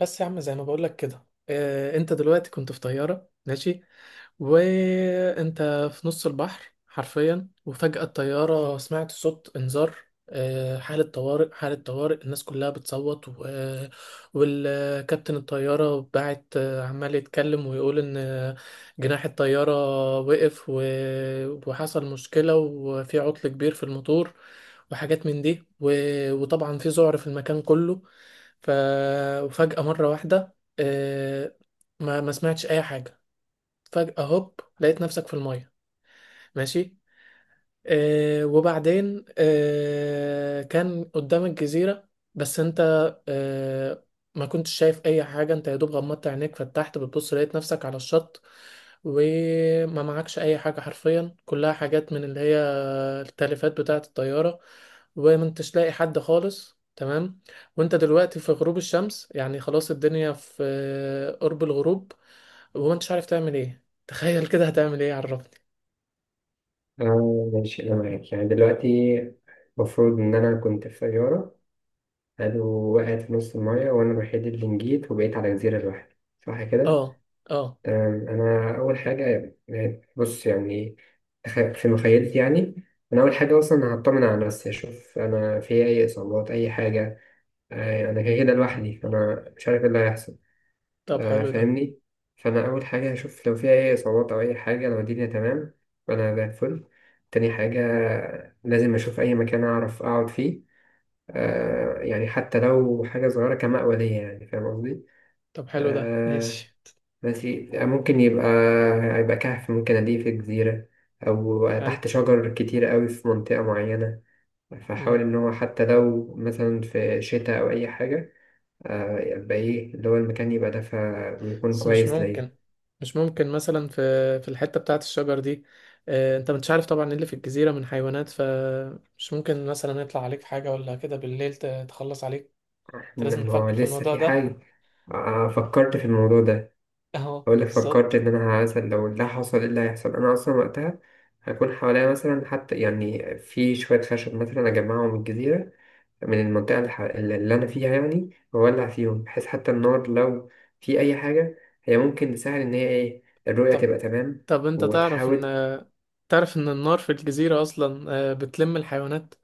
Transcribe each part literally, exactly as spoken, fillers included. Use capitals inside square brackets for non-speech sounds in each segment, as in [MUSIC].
بس يا عم زي ما بقولك كده، آه، انت دلوقتي كنت في طيارة ماشي، وانت في نص البحر حرفيا. وفجأة الطيارة سمعت صوت انذار، آه، حالة طوارئ حالة طوارئ، الناس كلها بتصوت و... والكابتن الطيارة بعت، آه، عمال يتكلم ويقول ان آه، جناح الطيارة وقف و... وحصل مشكلة، وفي عطل كبير في الموتور وحاجات من دي، و... وطبعا في ذعر في المكان كله. ف... وفجأة مرة واحدة، آه، ما ما سمعتش أي حاجة. فجأة هوب لقيت نفسك في المية، ماشي. آه، وبعدين آه، كان قدامك جزيرة، بس أنت آه، ما كنتش شايف أي حاجة. أنت يا دوب غمضت عينيك، فتحت بتبص لقيت نفسك على الشط، وما معكش أي حاجة حرفيا، كلها حاجات من اللي هي التلفات بتاعة الطيارة، وما انتش تلاقي حد خالص، تمام. وانت دلوقتي في غروب الشمس، يعني خلاص الدنيا في آه، قرب الغروب، وما انتش عارف تعمل ايه. [LAUGHS] تخيل كده هتعمل ايه، عرفني. اه ماشي أنا معاك يعني دلوقتي المفروض إن أنا كنت في طيارة. حلو. وقعت في نص المية وأنا الوحيد اللي نجيت وبقيت على جزيرة لوحدي. صح كده؟ اه، اه. تمام أنا أول حاجة يعني بص يعني تخ- في مخيلتي يعني أنا أول حاجة أصلا هطمن على نفسي أشوف أنا في أي إصابات أي حاجة. آه، أنا كده كده لوحدي أنا مش عارف إيه اللي هيحصل. طب آه، حلو ده. فاهمني. فانا اول حاجه هشوف لو فيها اي اصابات او اي حاجه لو الدنيا تمام فانا زي الفل. تاني حاجه لازم اشوف اي مكان اعرف اقعد فيه. آه يعني حتى لو حاجه صغيره كمأوى ليا يعني فاهم قصدي. طب حلو ده، آه ماشي. ماشي ممكن يبقى يبقى كهف ممكن ألاقيه في جزيره او حلو. تحت شجر كتير قوي في منطقه معينه. فحاول مم. ان هو حتى لو مثلا في شتاء او اي حاجه آه يبقى ايه اللي هو المكان يبقى دافئ ويكون بس مش كويس ممكن، ليا. مش ممكن مثلا في في الحتة بتاعة الشجر دي. آه، انت مش عارف طبعا ايه اللي في الجزيرة من حيوانات، فمش ممكن مثلا يطلع عليك حاجة ولا كده بالليل ت- تخلص عليك. انت لازم إنما هو تفكر في لسه الموضوع في ده. حاجة. آه، آه، فكرت في الموضوع ده. اهو أقول لك فكرت بالظبط. إن أنا مثلا لو ده حصل إيه اللي هيحصل أنا أصلا وقتها هكون حواليا مثلا حتى يعني في شوية خشب مثلا أجمعهم من الجزيرة من المنطقة الح- اللي أنا فيها يعني وأولع فيهم بحيث حتى النار لو في أي حاجة هي ممكن تساعد إن هي إيه الرؤية طب تبقى تمام طب انت تعرف ان، وتحاول. تعرف ان النار في الجزيرة اصلا آه، بتلم الحيوانات.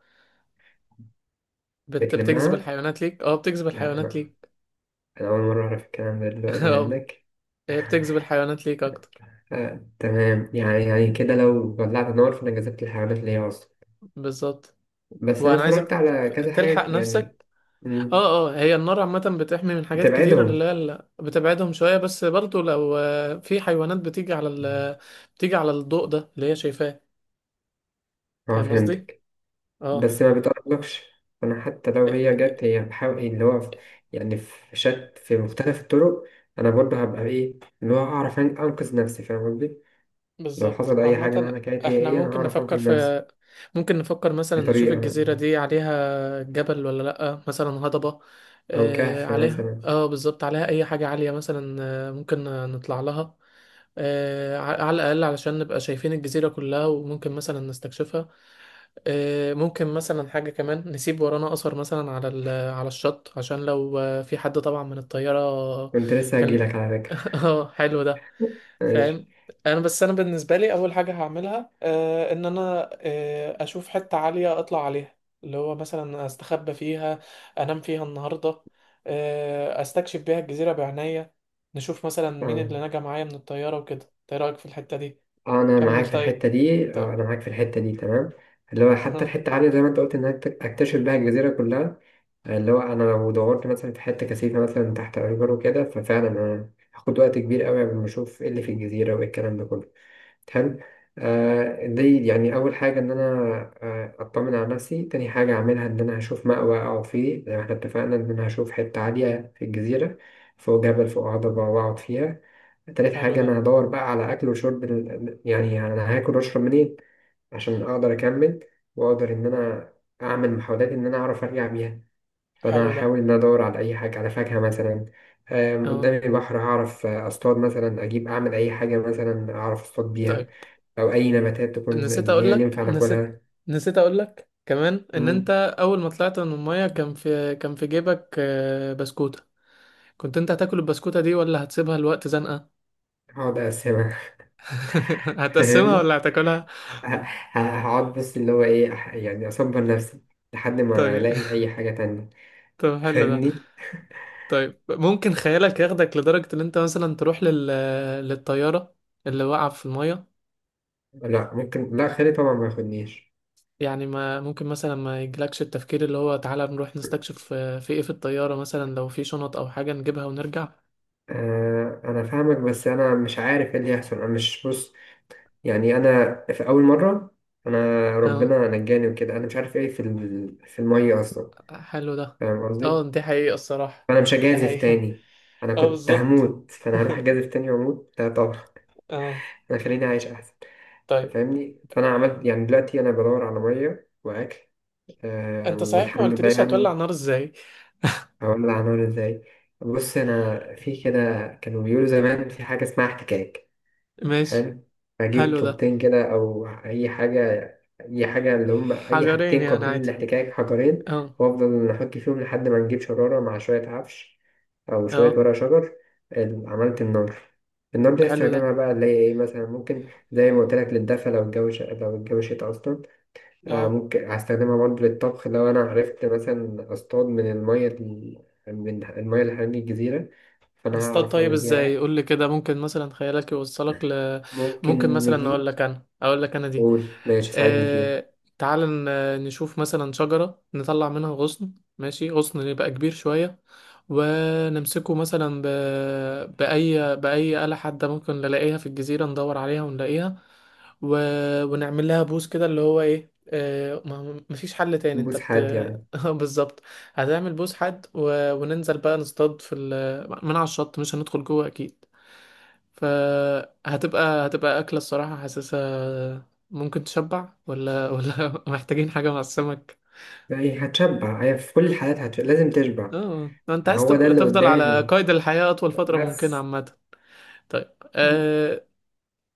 بت... بتجذب بتلمها. الحيوانات ليك، اه بتجذب لا الحيوانات أنا ليك. أنا أول مرة أعرف الكلام ده دلوقتي [LAUGHS] منك. اه، بتجذب الحيوانات ليك اكتر. آه، تمام يعني يعني كده لو ولعت نار فانا جذبت الحيوانات اللي هي اصلا. بالظبط. بس انا وانا عايزك اتفرجت على ت- كذا تلحق حاجه يعني. نفسك. مم، اه، اه. هي النار عامة بتحمي من حاجات كتير، هتبعدهم. اللي هي ال- بتبعدهم شوية، بس برضو لو آه، في حيوانات بتيجي على ال... بتيجي على الضوء ده اللي هي شايفاه. اه فاهم قصدي؟ فهمتك. اه بس ما بتقربلكش انا حتى لو هي جت هي بحاول اللي هو في- يعني في شت في مختلف الطرق. انا برضه هبقى ايه اللي هو اعرف أن- انقذ نفسي فاهم قصدي. لو بالظبط. حصل اي حاجه عامة مهما كانت هي احنا ايه انا ممكن هعرف نفكر انقذ نفسي في ممكن نفكر مثلا نشوف بطريقه. الجزيرة دي عليها جبل ولا لأ، مثلا هضبة. او آه كهف عليها، مثلا. اه بالظبط، عليها أي حاجة عالية مثلا. آه، ممكن نطلع لها، آه على على الأقل علشان نبقى شايفين الجزيرة كلها، وممكن مثلا نستكشفها. آه ممكن مثلا حاجة كمان، نسيب ورانا أثر مثلا على ال... على الشط عشان لو آه، في حد طبعا من الطيارة كنت لسه كان. هجيلك على فكره. [LAUGHS] اه حلو ده. [LAUGHS] ماشي فاهم. انا بس انا بالنسبه لي اول حاجه هعملها، آه ان انا آه اشوف حته عاليه اطلع عليها، اللي هو مثلا استخبى فيها، انام فيها النهارده، آه استكشف بيها الجزيره بعناية، نشوف مثلا مين تمام. اللي نجا معايا من الطياره وكده. إنت ايه رايك في الحته دي؟ آه، انا كمل معاك في طيب. الحته دي طيب. آه، انا معاك في الحته دي تمام. اللي هو حتى [LAUGHS] الحته عاليه زي ما انت قلت انك تك- اكتشف بيها الجزيره كلها. آه، اللي هو انا لو دورت مثلا في حته كثيفه مثلا تحت اشجار وكده ففعلا انا هاخد وقت كبير قوي قبل ما اشوف ايه اللي في الجزيره وايه الكلام ده كله. حلو. آه دي يعني أول حاجة إن أنا آه أطمن على نفسي. تاني حاجة أعملها إن أنا هشوف مأوى أقعد فيه زي ما إحنا اتفقنا إن أنا هشوف حتة عالية في الجزيرة فوق جبل فوق هضبة وأقعد فيها. تالت حلو حاجة ده. أنا هدور بقى على أكل وشرب ال- يعني أنا هاكل وأشرب منين عشان أقدر أكمل وأقدر إن أنا أعمل محاولات إن أنا أعرف أرجع بيها. فأنا حلو ده، هحاول إن أنا أدور على أي حاجة على فاكهة مثلا. آم، اه. قدامي بحر هعرف أصطاد مثلا أجيب أعمل أي حاجة مثلا أعرف أصطاد بيها طيب، أو أي نباتات تكون نسيت إن هي اقول لك ينفع نسيت ناكلها. نسيت اقول لك كمان ان انت، مم. اول ما طلعت من الميه كان في كان في جيبك آه، بسكوتة. كنت انت هتاكل البسكوتة دي ولا هتسيبها لوقت زنقة؟ هقعد أقسمها. [LAUGHS] [LAUGHS] هتقسمها ولا فاهمني. هتاكلها؟ ه- ه- هقعد بس اللي هو إيه أح- يعني أصبر نفسي لحد ما طيب. ألاقي أي حاجة تانية. طب [LAUGHS] حلو ده. فاهمني. طيب ممكن خيالك ياخدك لدرجة ان انت مثلا تروح لل... للطيارة اللي واقعة في المية؟ لا ممكن لا خيري طبعا ما ياخدنيش. يعني ما ممكن مثلا ما يجيلكش التفكير، اللي هو تعالى نروح نستكشف آه، في ايه في الطيارة مثلا، لو في شنط او حاجة نجيبها ونرجع. آه انا فاهمك بس انا مش عارف ايه اللي هيحصل انا مش بص يعني. انا في اول مره انا اه ربنا نجاني وكده انا مش عارف ايه في ال- في الميه اصلا. حلو ده. فاهم اه، قصدي. دي حقيقة الصراحة. فانا مش ده هجازف حقيقة. تاني. انا [LAUGHS] اه كنت بالظبط. هموت فانا هروح اجازف [LAUGHS] تاني واموت لا طبعا. اه. هيخليني عايش أحسن. طيب، فاهمني. فأنا عملت يعني دلوقتي أنا بدور على مية وأكل. آه انت صحيح ما والحمد لله قلتليش هتولع يعني. نار ازاي. هقول لك هنعمل إزاي. بص أنا في كده كانوا بيقولوا زمان في حاجة اسمها احتكاك. ماشي. حلو. أجيب حلو ده. طوبتين كده أو أي حاجة. أي حاجة اللي هم أي حجرين حاجتين يعني قابلين عادي، للاحتكاك. حجرين. اه. وأفضل أحك فيهم لحد ما نجيب شرارة مع شوية عفش أو شوية اه، ورق شجر. ال- عملت النار. النار ده دي حلو ده. استخدمها بقى اللي هي إيه مثلا ممكن زي ما قلت لك للدفا لو الجو ش... لو الجو شتا أصلا. آه اه. ممكن هستخدمها برضه للطبخ لو أنا عرفت مثلا أصطاد من المية ال- من المية اللي حوالين الجزيرة فأنا نصطاد، هعرف طيب أعمل بيها ازاي؟ أكل. قول لي كده. ممكن مثلا خيالك يوصلك ل، ممكن ممكن مثلا اقول نجيب. لك انا اقول لك انا دي. قول ماشي ساعدني فيها. اه، تعال ن- نشوف مثلا شجرة نطلع منها غصن، ماشي، غصن يبقى كبير شوية. ونمسكه مثلا ب... بأي بأي آلة حادة ممكن نلاقيها في الجزيرة، ندور عليها ونلاقيها و... ونعمل لها بوس كده، اللي هو ايه، آه، ما مفيش حل تاني، انت نبوس بت... حد يعني. [LAUGHS] بالظبط. هتعمل بوس حد و... وننزل بقى نصطاد في ال... من على الشط، مش هندخل جوه اكيد. فهتبقى هتبقى اكله، الصراحه حاسسها ممكن تشبع ولا ولا [LAUGHS] محتاجين حاجه مع السمك؟ يعني هتشبع هي في كل الحالات هتشبع. لازم تشبع. اه، انت عايز هو ده تبق- اللي تفضل على قدامي قيد الحياه اطول فتره ممكنه، بس. عامه. طيب، آه،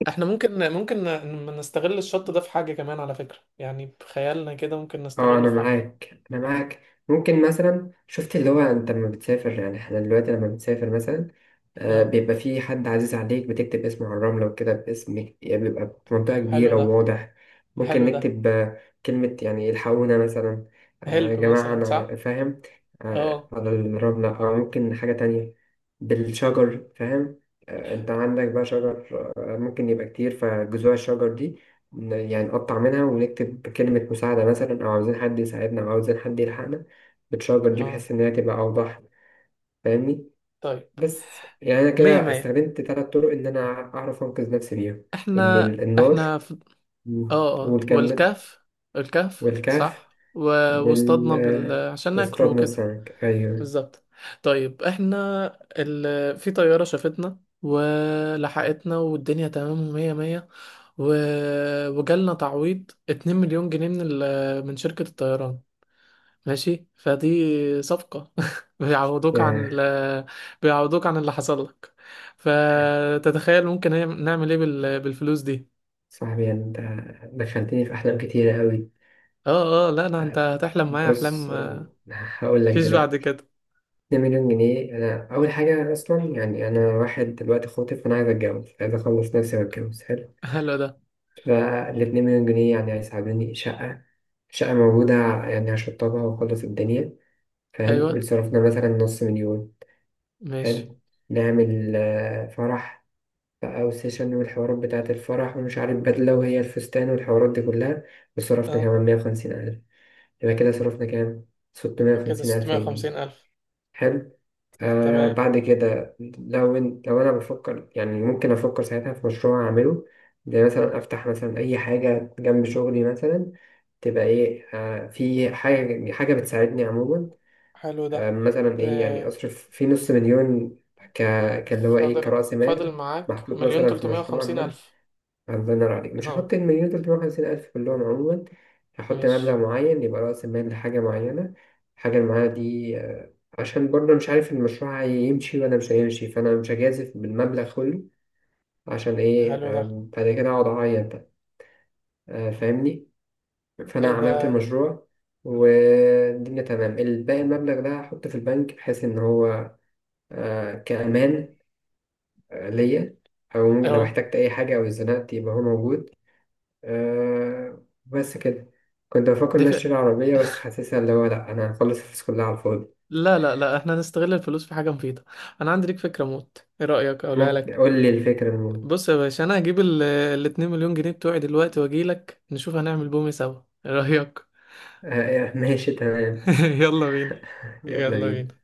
احنا ممكن ممكن ن- نستغل الشط ده في حاجه كمان على فكره، يعني بخيالنا كده ممكن اه نستغله انا في حاجه. معاك انا معاك ممكن مثلا شفت اللي هو انت لما بتسافر يعني احنا دلوقتي لما بتسافر مثلا آه اه بيبقى في حد عزيز عليك بتكتب اسمه على الرملة وكده باسمك يعني بيبقى بمنطقة حلو كبيرة ده. وواضح. ممكن حلو ده. نكتب آه، كلمة يعني الحقونا مثلا. آه يا هلب جماعة مثلا، انا صح. فاهم. آه اه، على الرملة او ممكن حاجة تانية. بالشجر فاهم. آه انت عندك بقى شجر. آه ممكن يبقى كتير فجذوع الشجر دي ن- يعني نقطع منها ونكتب كلمة مساعدة مثلا أو عاوزين حد يساعدنا أو عاوزين حد يلحقنا بالشجر دي اه، بحيث إن هي تبقى أوضح. فاهمني. طيب. بس يعني أنا مية كده مية. استخدمت تلات طرق إن أنا أعرف أنقذ نفسي بيها. إن احنا ال- النار. احنا مم. اه، اه، والكمل. والكهف. الكهف، والكهف. صح، و... وال واصطادنا بال... آه، عشان ناكل واصطاد وكده. السمك. أيوه. بالظبط. طيب، احنا ال... في طيارة شافتنا ولحقتنا والدنيا تمام ومية مية، و... وجالنا تعويض 2 مليون جنيه من ال... من شركة الطيران، ماشي. فدي صفقة، [LAUGHS] بيعوضوك عن يا ال... بيعوضوك عن اللي حصل لك. فتتخيل ممكن نعمل ايه بال... بالفلوس دي. صاحبي أنت دخلتني في أحلام كتيرة أوي. اه، اه لا، انا انت آه، هتحلم معايا بص احلام آه، هقول لك مفيش بعد دلوقتي. كده. اتنين مليون جنيه أنا أول حاجة أصلا يعني أنا واحد دلوقتي خاطب فأنا عايز أتجوز عايز أخلص نفسي وأتجوز. حلو. حلو ده. فالاتنين مليون جنيه يعني هيساعدوني شقة. شقة موجودة يعني هشطبها وأخلص الدنيا فاهم. ايوه، وصرفنا مثلا نص مليون. ماشي، حلو. نعمل آه، فرح بقى وسيشن والحوارات بتاعة الفرح ومش عارف بدلة وهي الفستان والحوارات دي كلها. وصرفنا اه. كمان مية وخمسين ألف. يبقى كده صرفنا كام؟ ستمية كده وخمسين ألف 650 جنيه ألف، حلو. ده آه تمام. بعد كده لو إن- لو انا بفكر يعني ممكن افكر ساعتها في مشروع اعمله زي مثلا افتح مثلا اي حاجه جنب شغلي مثلا تبقى ايه آه في حاجه حاجه بتساعدني عموما. حلو ده. آه ب... مثلا ايه يعني اصرف في نص مليون ك كان اللي هو ايه فاضل كرأس فاضل مال معاك محطوط مليون مثلا في تلتمية مشروع وخمسين ما. ألف. الله ينور عليك مش اهو. هحط المليون تلتمية وخمسين ألف كلهم عموما. هحط مبلغ ماشي. معين يبقى رأس المال لحاجة معينة. الحاجة المعينة دي آه، عشان برضه مش عارف المشروع هيمشي ولا مش هيمشي فأنا مش هجازف بالمبلغ كله. عشان إيه حلو ده. آه، بعد كده أقعد أعيط بقى. آه، فاهمني. ايه فأنا عملت ده. المشروع والدنيا تمام. الباقي المبلغ ده هحطه في البنك بحيث إن هو آه، كأمان آه، ليا أو لو اهو. احتجت أي حاجة أو اتزنقت يبقى هو موجود. آه بس كده. كنت بفكر إن أنا دفع. أشتري عربية بس حاسسها اللي هو لأ أنا هخلص الفلوس كلها على الفاضي. لا لا لا، احنا هنستغل الفلوس في حاجة مفيدة. انا عندي ليك فكرة موت، ايه رأيك اقولها ممكن لك؟ قول لي الفكرة المهم. بص يا باشا، انا هجيب ال ال 2 مليون جنيه بتوعي دلوقتي واجي لك، نشوف هنعمل بومي سوا. ايه رأيك؟ آه ماشي تمام. [LAUGHS] يلا بينا. [LAUGHS] يلا يلا بينا بينا.